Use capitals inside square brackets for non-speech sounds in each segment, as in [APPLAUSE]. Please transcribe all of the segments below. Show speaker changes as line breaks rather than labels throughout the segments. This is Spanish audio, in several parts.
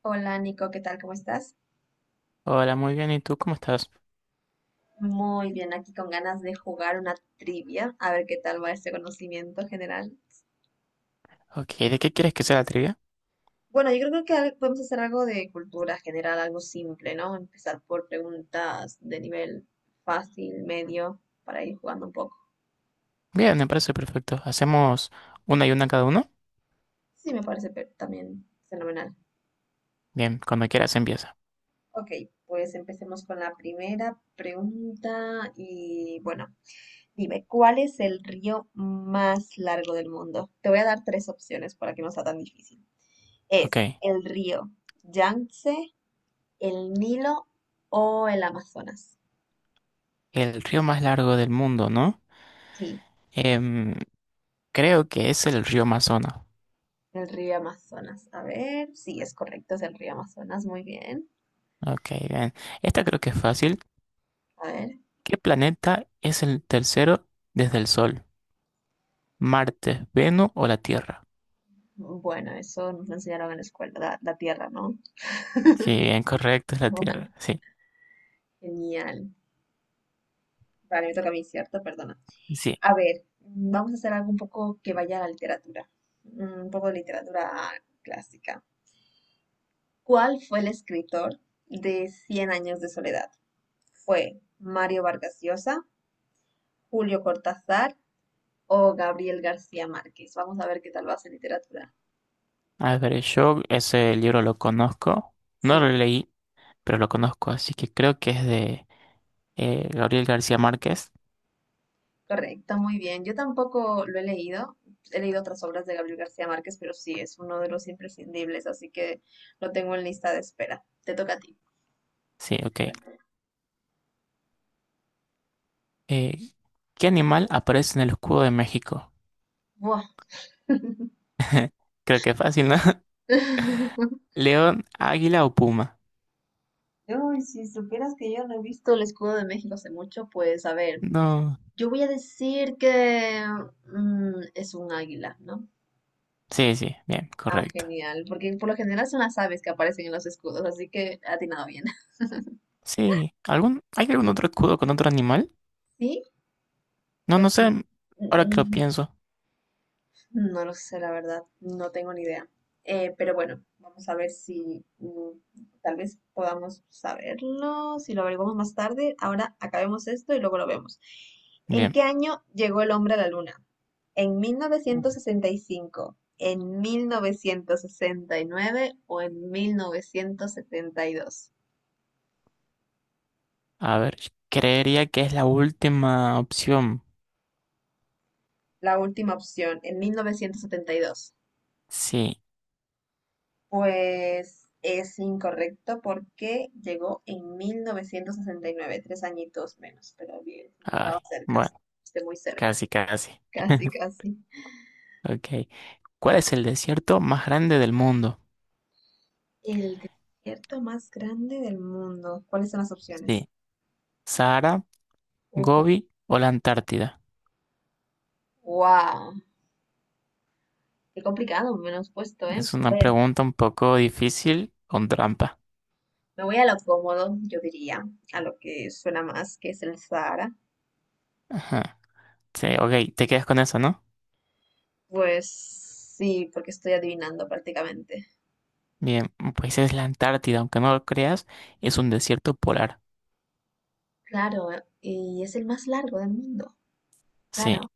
Hola Nico, ¿qué tal? ¿Cómo estás?
Hola, muy bien. ¿Y tú cómo estás?
Muy bien, aquí con ganas de jugar una trivia, a ver qué tal va este conocimiento general.
Ok, ¿de qué quieres que sea la trivia?
Bueno, yo creo que podemos hacer algo de cultura general, algo simple, ¿no? Empezar por preguntas de nivel fácil, medio, para ir jugando un poco.
Bien, me parece perfecto. ¿Hacemos una y una cada uno?
Sí, me parece también fenomenal.
Bien, cuando quieras empieza.
Ok, pues empecemos con la primera pregunta y bueno, dime, ¿cuál es el río más largo del mundo? Te voy a dar tres opciones para que no sea tan difícil.
Ok.
¿Es el río Yangtze, el Nilo o el Amazonas?
El río más largo del mundo, ¿no?
Sí,
Em, Creo que es el río Amazonas.
el río Amazonas. A ver, sí, es correcto, es el río Amazonas. Muy bien.
Ok, bien. Esta creo que es fácil.
A ver.
¿Qué planeta es el tercero desde el Sol? ¿Marte, Venus o la Tierra?
Bueno, eso nos lo enseñaron en la escuela, la tierra, ¿no?
Sí, bien, correcto, es
[LAUGHS]
la
Vale,
Tierra. Sí,
genial. Vale, me toca a mí, ¿cierto? Perdona.
sí.
A ver, vamos a hacer algo un poco que vaya a la literatura. Un poco de literatura clásica. ¿Cuál fue el escritor de Cien años de soledad? ¿Fue Mario Vargas Llosa, Julio Cortázar o Gabriel García Márquez? Vamos a ver qué tal va en literatura.
A ver, yo ese libro lo conozco. No
Sí,
lo leí, pero lo conozco, así que creo que es de... Gabriel García Márquez.
correcto, muy bien. Yo tampoco lo he leído. He leído otras obras de Gabriel García Márquez, pero sí, es uno de los imprescindibles, así que lo tengo en lista de espera. Te toca a ti.
Sí, ok. Eh, ¿Qué animal aparece en el escudo de México?
Buah.
Creo que es fácil, ¿no? [LAUGHS]
[LAUGHS]
¿León, águila o puma?
Uy, si supieras que yo no he visto el escudo de México hace mucho, pues a ver,
No.
yo voy a decir que es un águila, ¿no?
Sí, sí, bien,
Ah,
correcto.
genial, porque por lo general son las aves que aparecen en los escudos, así que ha atinado bien. [LAUGHS]
Sí, ¿algún, hay algún otro escudo con otro animal?
Sí,
No, no
pues
sé, ahora que lo
n-
pienso.
no lo sé, la verdad, no tengo ni idea. Pero bueno, vamos a ver si tal vez podamos saberlo, si lo averiguamos más tarde. Ahora acabemos esto y luego lo vemos. ¿En
Bien.
qué año llegó el hombre a la luna? ¿En mil
Uh.
novecientos sesenta y cinco, en 1969 o en 1972?
A ver, creería que es la última opción.
La última opción, en 1972.
Sí,
Pues es incorrecto porque llegó en 1969, 3 añitos menos, pero bien, estaba
ay,
cerca,
bueno,
esté muy cerca.
casi, casi.
Casi,
[LAUGHS]
casi.
Ok. ¿Cuál es el desierto más grande del mundo?
El desierto más grande del mundo. ¿Cuáles son las opciones?
Sí. Sahara,
Ujú.
¿Gobi o la Antártida?
Wow. Qué complicado, menos puesto, ¿eh?
Es una
A ver,
pregunta un poco difícil con trampa.
me voy a lo cómodo, yo diría, a lo que suena más, que es el Sahara.
Ajá. Sí, ok, te quedas con eso, ¿no?
Pues sí, porque estoy adivinando prácticamente.
Bien, pues es la Antártida, aunque no lo creas, es un desierto polar.
Claro, y es el más largo del mundo,
Sí,
claro.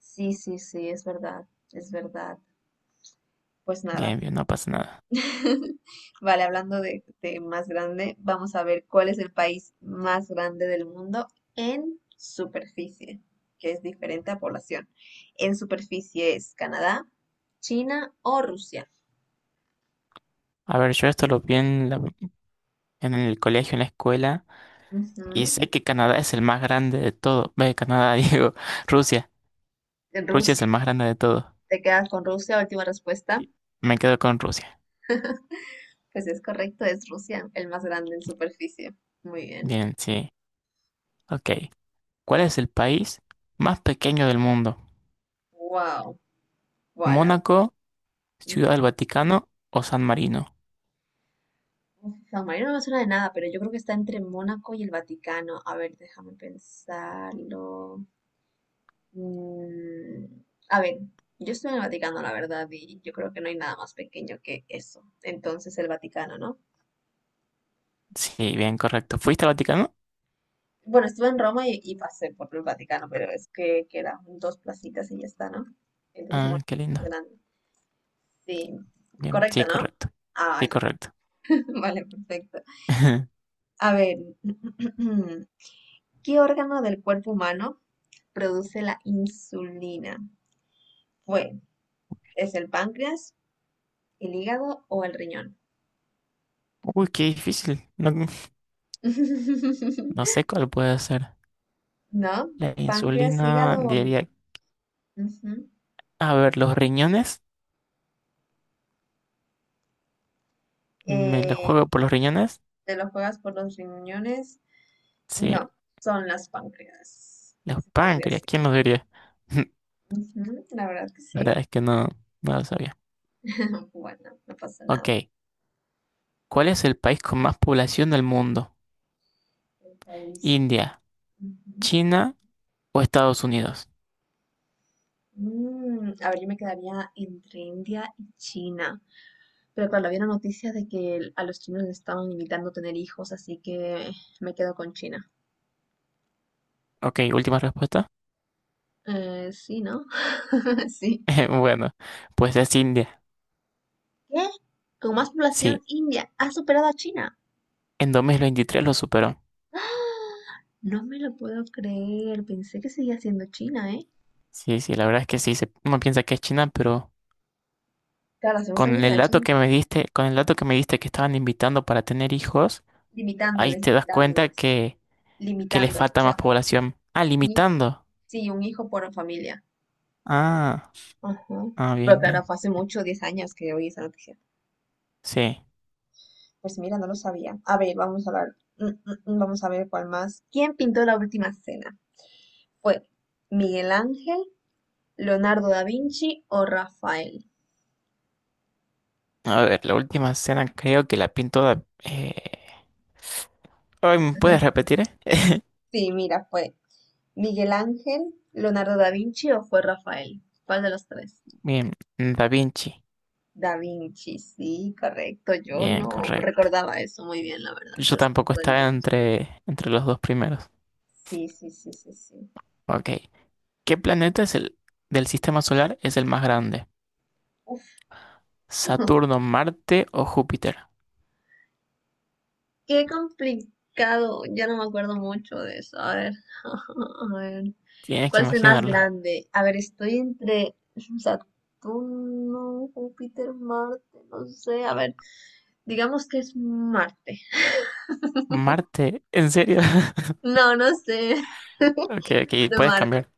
Sí, sí, sí, es verdad, es verdad. Pues nada.
bien, bien, no pasa nada.
[LAUGHS] Vale, hablando de más grande, vamos a ver cuál es el país más grande del mundo en superficie, que es diferente a población. En superficie, ¿es Canadá, China o Rusia?
A ver, yo esto lo vi en, en el colegio, en la escuela, y
Ujú,
sé que Canadá es el más grande de todo. Ve, Canadá, [LAUGHS] digo, Rusia.
en
Rusia es
Rusia.
el más grande de todo.
¿Te quedas con Rusia? Última respuesta.
Sí, me quedo con Rusia.
Pues es correcto, es Rusia, el más grande en superficie. Muy bien.
Bien, sí. Ok. ¿Cuál es el país más pequeño del mundo?
Wow. Bueno,
¿Mónaco?
San
Ciudad del Vaticano o San Marino.
Marino no me suena de nada, pero yo creo que está entre Mónaco y el Vaticano. A ver, déjame pensarlo. Mm, a ver, yo estoy en el Vaticano, la verdad, y yo creo que no hay nada más pequeño que eso. Entonces, el Vaticano, ¿no?
Sí, bien, correcto. ¿Fuiste al Vaticano?
Bueno, estuve en Roma y pasé por el Vaticano, pero es que quedan dos placitas y ya está, ¿no? Entonces,
Ah,
Mónaco
qué
es más
lindo.
grande. Sí,
Bien, sí,
correcto, ¿no?
correcto.
Ah,
Sí, correcto.
vale, [LAUGHS] vale, perfecto.
[LAUGHS]
A ver, [CLEARS THROAT] ¿qué órgano del cuerpo humano produce la insulina? Bueno, ¿es el páncreas, el hígado o el riñón?
Uy, qué difícil. No, no
[LAUGHS]
sé cuál puede ser.
¿No?
La
¿Páncreas, hígado
insulina,
o riñón?
diría.
Ujú.
A ver, los riñones. Me los
Eh,
juego por los riñones.
¿Te lo juegas por los riñones?
Sí,
No, son las páncreas.
los
Es el páncreas,
páncreas.
sí.
¿Quién los diría? [LAUGHS]
Ujú, la verdad que
La
sí.
verdad es que no, no lo sabía.
[LAUGHS] Bueno, no pasa nada.
Ok, ¿cuál es el país con más población del mundo?
El país.
¿India,
Ujú.
China o Estados Unidos?
A ver, yo me quedaría entre India y China. Pero claro, había una noticia de que a los chinos les estaban limitando tener hijos, así que me quedo con China.
Ok, última respuesta.
Sí, ¿no? [LAUGHS] Sí.
[LAUGHS] Bueno, pues es India.
¿Qué? Con más población,
Sí,
India ha superado a China.
en 2023 lo superó.
¡Ah! No me lo puedo creer. Pensé que seguía siendo China, ¿eh?
Sí, sí, la verdad es que sí, uno piensa que es China, pero
Claro, hace unos años
con el
era
dato
China.
que me diste, con el dato que me diste que estaban invitando para tener hijos, ahí
Limitándoles,
te das cuenta
limitándoles,
que les
limitándoles. O
falta más
sea,
población. Ah,
un hij-
limitando.
sí, un hijo por familia.
Ah,
Ajá.
ah,
Pero
bien, bien.
claro, fue hace mucho, 10 años que oí esa noticia.
Sí.
Pues mira, no lo sabía. A ver, vamos a ver vamos a ver cuál más. ¿Quién pintó la última cena? ¿Fue Miguel Ángel, Leonardo da Vinci o Rafael?
A ver, la última escena creo que la pintó Da... ay, ¿me puedes
[LAUGHS]
repetir,
Sí, mira, ¿fue Miguel Ángel, Leonardo da Vinci o fue Rafael? ¿Cuál de los tres?
[LAUGHS] Bien, Da Vinci.
Da Vinci, sí, correcto. Yo
Bien,
no
correcto.
recordaba eso muy bien, la verdad,
Yo
pero sí,
tampoco
fue el Da
estaba
Vinci.
entre, entre los dos primeros.
Sí, sí, sí, sí, sí.
Ok. ¿Qué planeta es el del sistema solar es el más grande?
Uf,
¿Saturno, Marte o Júpiter?
Qué complicado. Ya no me acuerdo mucho de eso. A ver. [LAUGHS] A ver.
Tienes que
¿Cuál es el más
imaginarlo.
grande? A ver, estoy entre Saturno, Júpiter, Marte. No sé. A ver. Digamos que es Marte.
Marte, ¿en serio? [LAUGHS]
No, no sé. [LAUGHS]
Ok, ok,
Pero
puedes
Marte.
cambiar.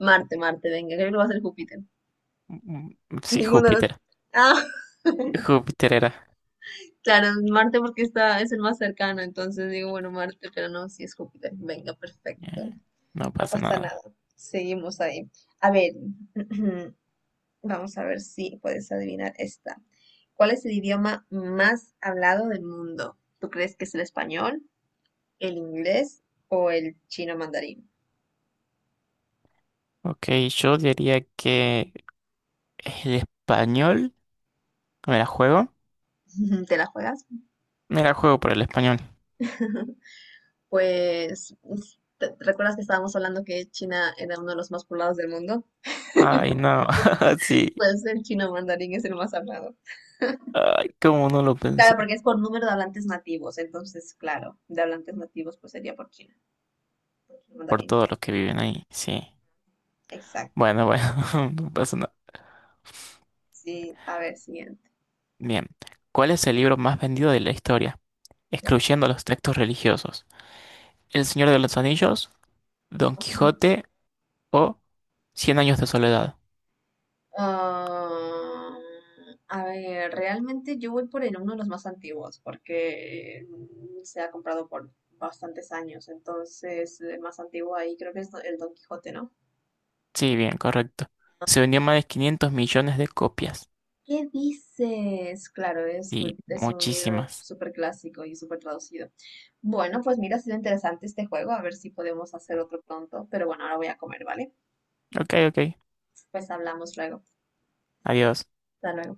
Marte, Marte. Venga, creo que lo va a ser Júpiter.
Mm, Sí,
Ninguno de los.
Júpiter.
Ah. [LAUGHS]
Júpiter era.
Claro, es Marte porque está, es el más cercano, entonces digo, bueno, Marte, pero no, sí es Júpiter. Venga, perfecto.
Eh, No
No
pasa
pasa
nada.
nada. Seguimos ahí. A ver, [CLEARS THROAT] vamos a ver si puedes adivinar esta. ¿Cuál es el idioma más hablado del mundo? ¿Tú crees que es el español, el inglés o el chino mandarín?
Ok, yo diría que el español. ¿Me la juego?
[LAUGHS] ¿Te la juegas?
Me la juego por el español.
[LAUGHS] Pues, ¿recuerdas que estábamos hablando que China era uno de los más poblados del mundo?
Ay, no. [LAUGHS] Sí.
Pues el chino mandarín es el más hablado.
Ay, cómo no lo pensé.
Claro, porque es por número de hablantes nativos. Entonces, claro, de hablantes nativos, pues sería por China.
Por
Mandarín.
todos los que viven ahí. Sí.
Exacto.
Bueno, bueno, [LAUGHS] no pasa nada.
Sí, a ver, siguiente.
Bien, ¿cuál es el libro más vendido de la historia, excluyendo los textos religiosos? ¿El Señor de los Anillos, Don Quijote o Cien años de soledad?
Ah, a ver, realmente yo voy por el uno de los más antiguos, porque se ha comprado por bastantes años, entonces el más antiguo ahí creo que es el Don Quijote, ¿no?
Sí, bien, correcto. Se vendió más de 500 millones de copias
¿Qué dices? Claro,
y
es un libro
muchísimas.
súper clásico y súper traducido. Bueno, pues mira, ha sido interesante este juego, a ver si podemos hacer otro pronto, pero bueno, ahora voy a comer, ¿vale?
Ok, ok.
Pues hablamos luego.
Adiós.
Hasta luego.